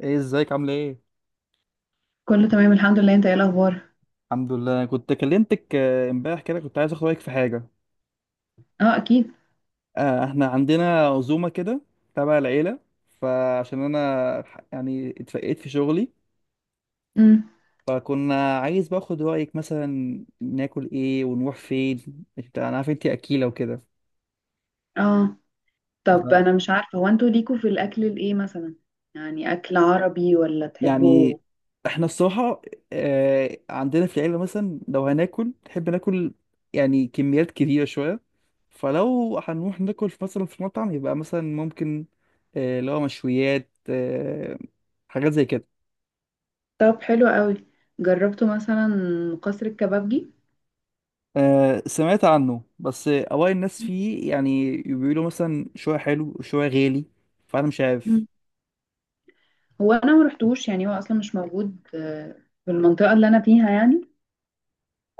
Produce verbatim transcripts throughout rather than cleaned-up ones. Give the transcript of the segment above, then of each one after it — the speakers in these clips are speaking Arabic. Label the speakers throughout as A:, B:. A: ايه، ازيك؟ عامله ايه؟
B: كله تمام، الحمد لله، انت ايه الاخبار؟
A: الحمد لله، أنا كنت كلمتك آه، امبارح كده، كنت عايز اخد رايك في حاجه.
B: اه، اكيد.
A: آه، احنا عندنا عزومه كده تبع العيله، فعشان انا ح- يعني اتفقت في شغلي.
B: امم.
A: فكنا عايز باخد رايك مثلا ناكل ايه ونروح فين، انت انا عارف انت اكيله وكده.
B: اه طب، انا مش عارفه، هو انتوا ليكوا في الاكل الايه مثلا؟ يعني اكل عربي، ولا تحبوا؟
A: يعني احنا الصراحة، آه، عندنا في العيلة مثلا لو هناكل نحب ناكل يعني كميات كبيرة شوية. فلو هنروح ناكل في مثلا في مطعم، يبقى مثلا ممكن آه، اللي هو مشويات، آه، حاجات زي كده.
B: طب، حلو قوي. جربتوا مثلا قصر الكبابجي؟
A: آه، سمعت عنه، بس آه، أوائل الناس فيه يعني بيقولوا مثلا شوية حلو وشوية غالي، فأنا مش عارف.
B: مم. هو انا ما رحتوش يعني، هو اصلا مش موجود آه، في المنطقه اللي انا فيها يعني.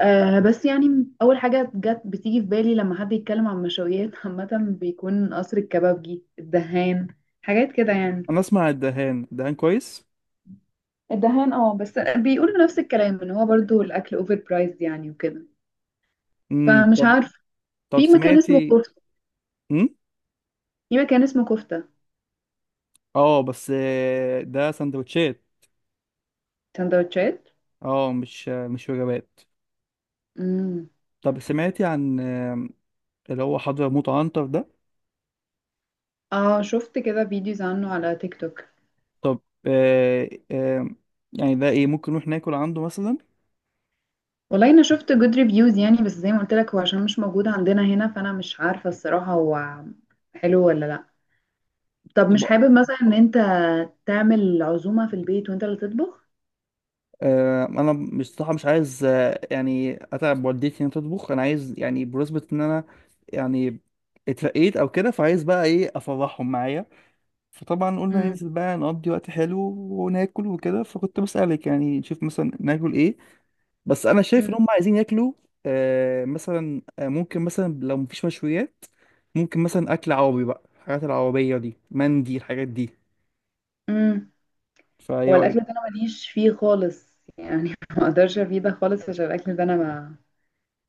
B: آه بس يعني اول حاجه جت بتيجي في بالي لما حد يتكلم عن مشويات عامه، بيكون قصر الكبابجي، الدهان، حاجات كده يعني.
A: أنا أسمع الدهان الدهان كويس.
B: الدهان، اه بس بيقولوا نفس الكلام ان هو برضو الاكل اوفر برايسد يعني وكده.
A: امم
B: فمش
A: طب.
B: عارف.
A: طب
B: في مكان اسمه
A: سمعتي؟
B: كفته
A: امم.
B: في مكان اسمه كفته
A: اه، بس آه، ده سندوتشات.
B: سندوتشات.
A: اه، مش مش وجبات.
B: امم.
A: طب سمعتي عن آم، اللي هو حضرموت عنتر ده؟
B: اه، شفت كده فيديوز عنه على تيك توك.
A: طب آه، آم، يعني ده ايه؟ ممكن نروح ناكل عنده مثلا؟
B: والله انا شفت جود ريفيوز يعني، بس زي ما قلت لك، هو عشان مش موجود عندنا هنا، فانا مش عارفه الصراحه، هو حلو ولا لا. طب، مش
A: طب
B: حابب مثلا ان انت تعمل عزومه في البيت، وانت اللي تطبخ؟
A: آه، انا مش صح، مش عايز آه، يعني اتعب والدتي ان تطبخ. انا عايز يعني، بمناسبة ان انا يعني اترقيت او كده، فعايز بقى ايه، افرحهم معايا. فطبعا قلنا
B: امم.
A: ننزل بقى نقضي وقت حلو وناكل وكده. فكنت بسألك يعني نشوف مثلا ناكل ايه. بس انا شايف
B: امم.
A: ان هم عايزين ياكلوا آه مثلا. آه ممكن مثلا لو مفيش مشويات، ممكن مثلا اكل عربي بقى، الحاجات العربية دي، مندي، الحاجات دي.
B: امم.
A: فايه
B: هو
A: رايك؟
B: الاكل ده انا ماليش فيه خالص يعني، ما اقدرش افيدك خالص، عشان الاكل ده انا ما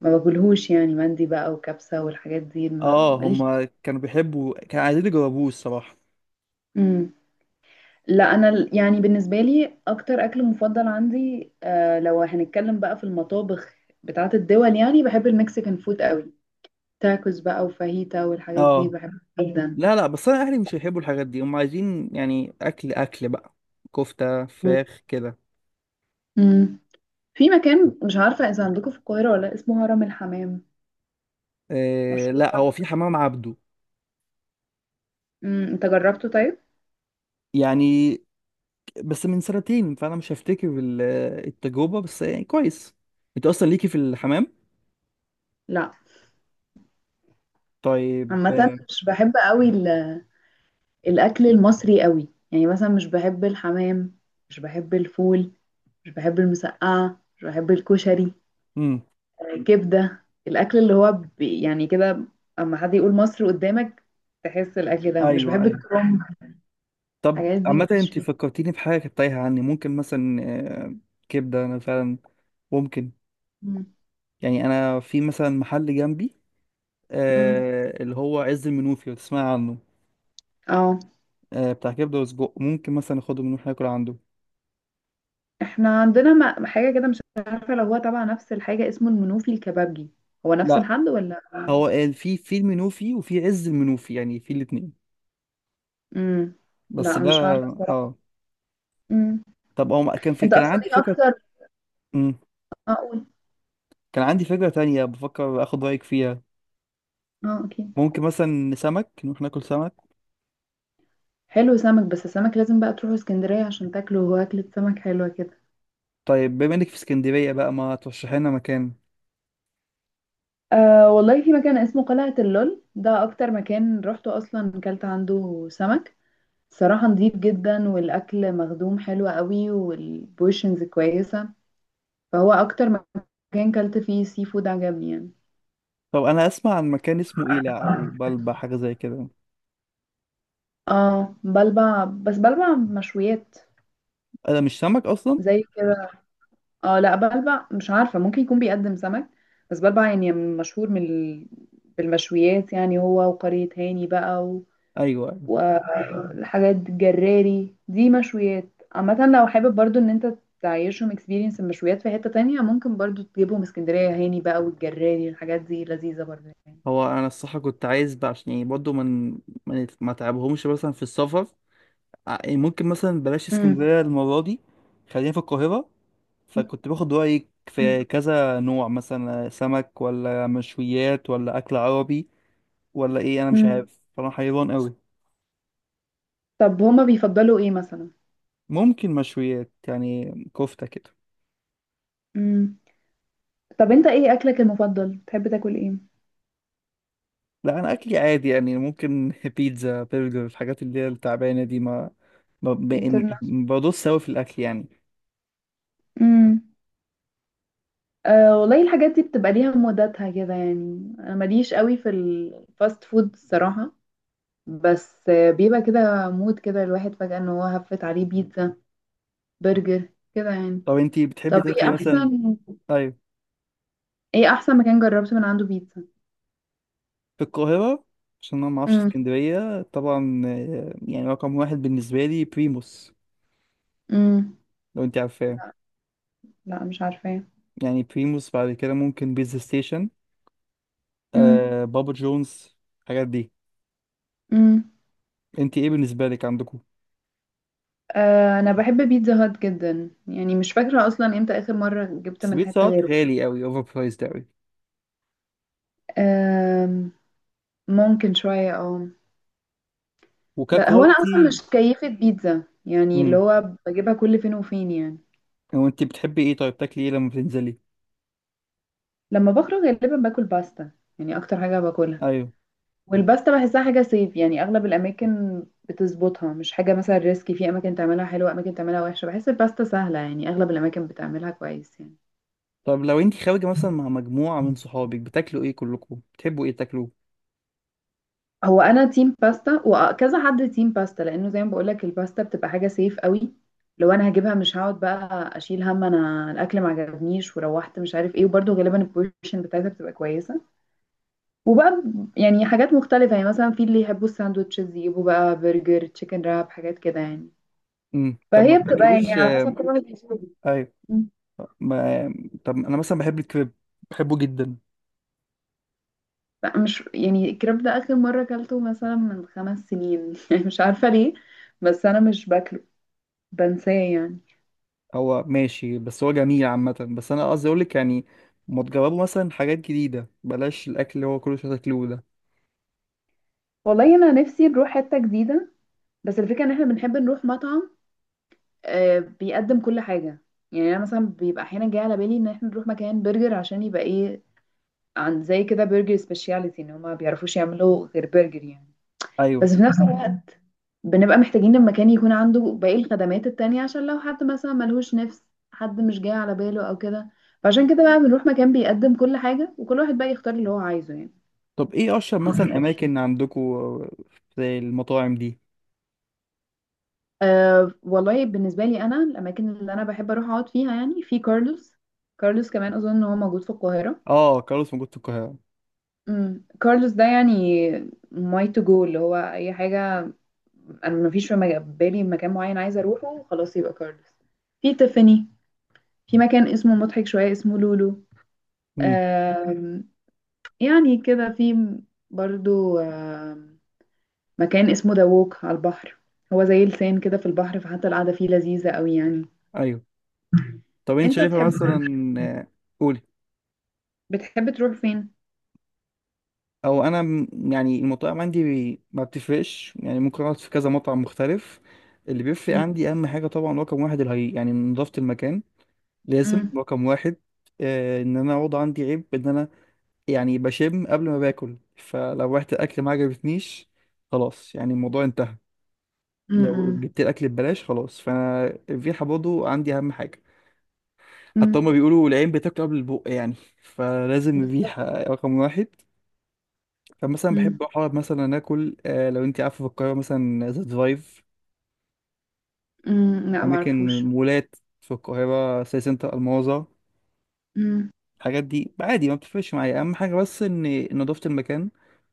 B: ما باكلهوش يعني، مندي بقى وكبسة والحاجات دي ما
A: اه،
B: ماليش.
A: هم كانوا بيحبوا، كانوا عايزين يجربوه الصراحة.
B: امم. لا، انا ال- يعني بالنسبة لي اكتر اكل مفضل عندي، آه لو هنتكلم بقى في المطابخ بتاعة الدول يعني، بحب المكسيكان فود قوي. تاكوز بقى وفاهيتا والحاجات دي
A: اه،
B: بحبها جدا.
A: لا لا، بس انا اهلي مش هيحبوا الحاجات دي. هم عايزين يعني اكل اكل بقى، كفتة
B: مم.
A: فراخ كده.
B: امم. في مكان، مش عارفة اذا عندكم في القاهرة ولا لأ، اسمه هرم الحمام.
A: آه
B: مشهور
A: لا، هو
B: برضه
A: في
B: بالحاجات.
A: حمام عبده.
B: امم، انت جربته طيب؟
A: يعني بس من سنتين، فانا مش هفتكر ال- التجربه، بس يعني كويس. انت اصلا ليكي في الحمام؟
B: لا.
A: طيب.
B: عامة، مش بحب قوي ال- الاكل المصري قوي يعني، مثلا مش بحب الحمام، مش بحب الفول، مش بحب المسقعة، مش بحب الكشري.
A: امم.
B: آه، كبدة، الأكل اللي هو ب- يعني كده. أما حد يقول مصر قدامك، تحس الأكل ده، مش
A: ايوه
B: بحب
A: ايوه.
B: الكرنب.
A: طب
B: الحاجات دي
A: عامه،
B: مفيش
A: انت
B: فيها.
A: فكرتيني بحاجه كانت تايهه عني. ممكن مثلا آه، كبده، انا فعلا ممكن.
B: مم.
A: يعني انا في مثلا محل جنبي
B: مم.
A: آه، اللي هو عز المنوفي، لو تسمعي عنه.
B: اه
A: آه، بتاع كبده وسجق، ممكن مثلا اخده منه ناكل عنده.
B: احنا عندنا م- حاجة كده، مش عارفة لو هو تبع نفس الحاجة، اسمه المنوفي الكبابجي، هو نفس
A: لا،
B: الحد ولا؟
A: هو قال في في المنوفي وفي عز المنوفي، يعني في الاثنين.
B: مم.
A: بس
B: لا،
A: ده.
B: مش عارفة الصراحة.
A: اه.
B: مم.
A: طب هو كان في
B: انت
A: كان
B: أصلا
A: عندي
B: ايه
A: فكره.
B: أكتر
A: مم.
B: أقول؟
A: كان عندي فكرة تانية بفكر اخد رأيك فيها.
B: اه، أكيد.
A: ممكن مثلا سمك؟ نروح ناكل سمك.
B: حلو، سمك. بس السمك لازم بقى تروحوا اسكندرية عشان تاكلوا، هو أكلة سمك حلوة كده.
A: طيب، بما انك في اسكندرية بقى، ما ترشحي لنا مكان.
B: أه، والله في مكان اسمه قلعة اللول، ده أكتر مكان روحته، أصلا كلت عنده سمك، صراحة نضيف جدا، والأكل مخدوم حلو قوي والبوشنز كويسة. فهو أكتر مكان كلت فيه سي فود، عجبني يعني.
A: طب انا اسمع عن مكان اسمه ايلع او بلبع، حاجة زي كده.
B: اه، بلبع، بس بلبع مشويات،
A: انا مش سمك اصلا.
B: زي كده. اه، لا، بلبع مش عارفة، ممكن يكون بيقدم سمك. بس بلبع يعني مشهور من ال- بالمشويات يعني، هو وقرية هاني بقى.
A: ايوه، أيوة.
B: والحاجات الجراري دي مشويات. عامة لو حابب برضو ان انت تعيشهم اكسبيرينس المشويات في حتة تانية، ممكن برضو تجيبهم اسكندرية، هاني بقى والجراري الحاجات دي لذيذة برضو يعني.
A: هو انا الصراحة كنت عايز بقى، عشان يعني برضه من ما ما تعبهمش مثلا في السفر. ع- يعني ممكن مثلا بلاش
B: مم.
A: اسكندرية المرة دي، خلينا في القاهرة. فكنت باخد رأيك
B: مم.
A: في كذا نوع، مثلا سمك ولا مشويات ولا أكل عربي ولا ايه. انا مش
B: مم.
A: عارف، فانا حيران قوي.
B: طب، هما بيفضلوا ايه مثلا؟
A: ممكن مشويات يعني، كفتة كده.
B: مم. طب، انت ايه اكلك المفضل؟ بتحب تاكل ايه؟
A: لا، انا اكلي عادي يعني، ممكن بيتزا، برجر، الحاجات اللي هي التعبانة دي. ما ما- ب-
B: انترناشونال؟
A: م- بدوس قوي في الاكل يعني.
B: امم. أه، والله الحاجات دي بتبقى ليها موداتها كده يعني، انا ماليش قوي في الفاست فود الصراحة. بس بيبقى كده مود كده، الواحد فجأة ان هو هفت عليه بيتزا، برجر، كده يعني.
A: طب انتي بتحبي
B: طب،
A: تاكلي
B: ايه
A: مثلا؟
B: احسن،
A: ايوه.
B: ايه احسن مكان جربت من عنده بيتزا؟
A: في القاهرة، عشان انا ما اعرفش
B: امم.
A: اسكندرية طبعا. آه، يعني رقم واحد بالنسبة لي بريموس،
B: امم.
A: لو انت عارفاه.
B: لا، لا، مش عارفة.
A: يعني بريموس، بعد كده ممكن بيتزا ستيشن،
B: امم.
A: آه بابا جونز، الحاجات دي.
B: امم.
A: انت ايه بالنسبة لك عندكم؟
B: آه، انا بحب بيتزا هات جدا يعني، مش فاكرة اصلا امتى اخر مرة جبت من
A: سبيت
B: حتة
A: ساعات
B: غيره.
A: غالي قوي، اوفر برايسد قوي.
B: آه، ممكن شوية اه ب- هو انا اصلا
A: وككواليتي.
B: مش كيفة بيتزا يعني، اللي
A: امم.
B: هو بجيبها كل فين وفين يعني.
A: هو انت بتحبي ايه؟ طيب، تاكلي ايه لما بتنزلي؟
B: لما بخرج غالبا باكل باستا، يعني اكتر حاجة باكلها.
A: ايوه.
B: والباستا بحسها حاجة صيف يعني، أغلب الأماكن بتظبطها، مش حاجة مثلا ريسكي، في أماكن تعملها حلوة، أماكن تعملها وحشة، بحس الباستا سهلة يعني، أغلب الأماكن بتعملها كويس يعني.
A: طب لو انت خارجه مثلا مع مجموعه من صحابك، بتاكلوا ايه كلكم؟ بتحبوا ايه تاكلوه؟
B: هو أنا تيم باستا، وكذا حد تيم باستا لأنه زي ما بقولك، الباستا بتبقى حاجة صيف قوي. لو أنا هجيبها مش هقعد بقى أشيل هم أنا الأكل ما عجبنيش وروحت مش عارف إيه، وبرده غالبا البورشن بتاعتها بتبقى كويسة. وبقى، يعني حاجات مختلفة يعني، مثلا في اللي يحبوا الساندوتشز يجيبوا بقى برجر، تشيكن راب، حاجات كده يعني.
A: امم طب، ما
B: فهي بتبقى يعني
A: بتاكلوش
B: على حسب
A: آه،
B: كل واحد بيشوف.
A: ايوه.
B: مم.
A: ما... طب انا مثلا بحب الكريب، بحبه جدا.
B: لا، مش يعني، الكريب ده اخر مره اكلته مثلا من خمس سنين يعني، مش عارفه ليه، بس انا مش باكله، بنساه يعني.
A: هو ماشي، بس هو جميل عامه. بس انا قصدي اقول لك يعني، ما تجربوا مثلا حاجات جديده، بلاش الاكل اللي هو كل شويه تاكلوه ده.
B: والله انا نفسي نروح حته جديده، بس الفكره ان احنا بنحب نروح مطعم آه، بيقدم كل حاجه. يعني انا مثلا بيبقى احيانا جاي على بالي ان احنا نروح مكان برجر عشان يبقى ايه، عن زي كده برجر سبيشاليتي ان هما ما بيعرفوش يعملوا غير برجر يعني.
A: ايوه.
B: بس في نفس، فاهمة، الوقت، بنبقى محتاجين المكان يكون عنده باقي الخدمات التانية، عشان لو حد مثلا ملهوش نفس، حد مش جاي على باله او كده. فعشان كده بقى بنروح مكان بيقدم كل حاجة، وكل واحد بقى يختار اللي هو عايزه يعني.
A: طب ايه اشهر مثلا اماكن عندكم في المطاعم دي؟
B: أه، والله بالنسبة لي، أنا الأماكن اللي أنا بحب أروح أقعد فيها يعني، في كارلوس. كارلوس كمان أظن إن هو موجود في القاهرة.
A: اه، كارلوس موجود في القاهرة.
B: امم، كارلوس ده يعني، ماي تو جو، اللي هو أي حاجة. أنا مفيش في مج- بالي مكان معين عايزة أروحه، خلاص يبقى كارلوس، في تيفاني، في مكان اسمه مضحك شوية، اسمه لولو،
A: امم.
B: آم، يعني كده في، برضو آم، مكان اسمه دووك على البحر، هو زي لسان كده في البحر، فحتى القعدة فيه لذيذة قوي يعني.
A: ايوه. طب انت
B: انت
A: شايفة
B: تحب، مم.
A: مثلا آه، قولي.
B: بتحب تروح فين؟
A: او انا م- يعني المطاعم عندي، بي- ما بتفرقش يعني، ممكن اقعد في كذا مطعم مختلف. اللي بيفرق
B: مم،
A: عندي اهم حاجة طبعا رقم واحد، الهي يعني، نظافة المكان. لازم
B: مم،
A: رقم واحد. آه ان انا اقعد، عندي عيب ان انا يعني بشم قبل ما باكل. فلو رحت الاكل ما عجبتنيش، خلاص يعني الموضوع انتهى. لو
B: مم،
A: جبت الاكل ببلاش، خلاص. فانا الريحة برضه عندي اهم حاجة. حتى
B: مم.
A: هما بيقولوا العين بتاكل قبل البق يعني. فلازم
B: بالظبط.
A: الريحة رقم واحد. فمثلا
B: مم،
A: بحب أقعد مثلا آكل، آه، لو أنت عارفة، في القاهرة مثلا ذا درايف،
B: مم، لا
A: أماكن
B: معرفوش.
A: مولات، في القاهرة سي سنتر الماظة،
B: مم.
A: الحاجات دي. عادي ما بتفرقش معايا، أهم حاجة بس إن نضافة المكان.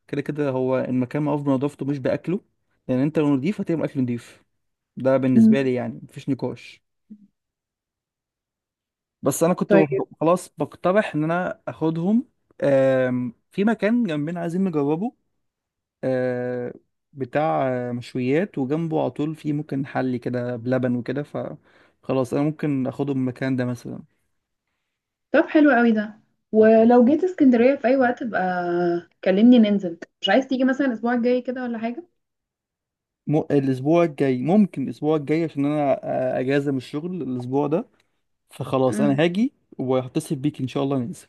A: كده كده هو المكان معروف بنضافته مش بأكله، لأن أنت لو نضيف هتبقى أكل نضيف. ده
B: مم.
A: بالنسبة لي يعني مفيش نقاش. بس أنا كنت
B: طيب.
A: خلاص بقترح إن أنا آخدهم. آم، في مكان جنبنا عايزين نجربه، آه، بتاع آه، مشويات، وجنبه على طول فيه ممكن حلي كده بلبن وكده، فخلاص انا ممكن اخده من المكان ده مثلا.
B: طب، حلو قوي ده، ولو جيت اسكندرية في أي وقت بقى كلمني ننزل. مش عايز تيجي مثلا الأسبوع الجاي كده ولا حاجة؟
A: م... الاسبوع الجاي، ممكن الاسبوع الجاي، عشان انا آه، اجازه من الشغل الاسبوع ده، فخلاص
B: مم.
A: انا هاجي وهتصل بيك ان شاء الله ننزل.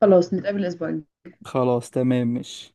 B: خلاص، نتقابل الأسبوع الجاي.
A: خلاص، تمام، ماشي.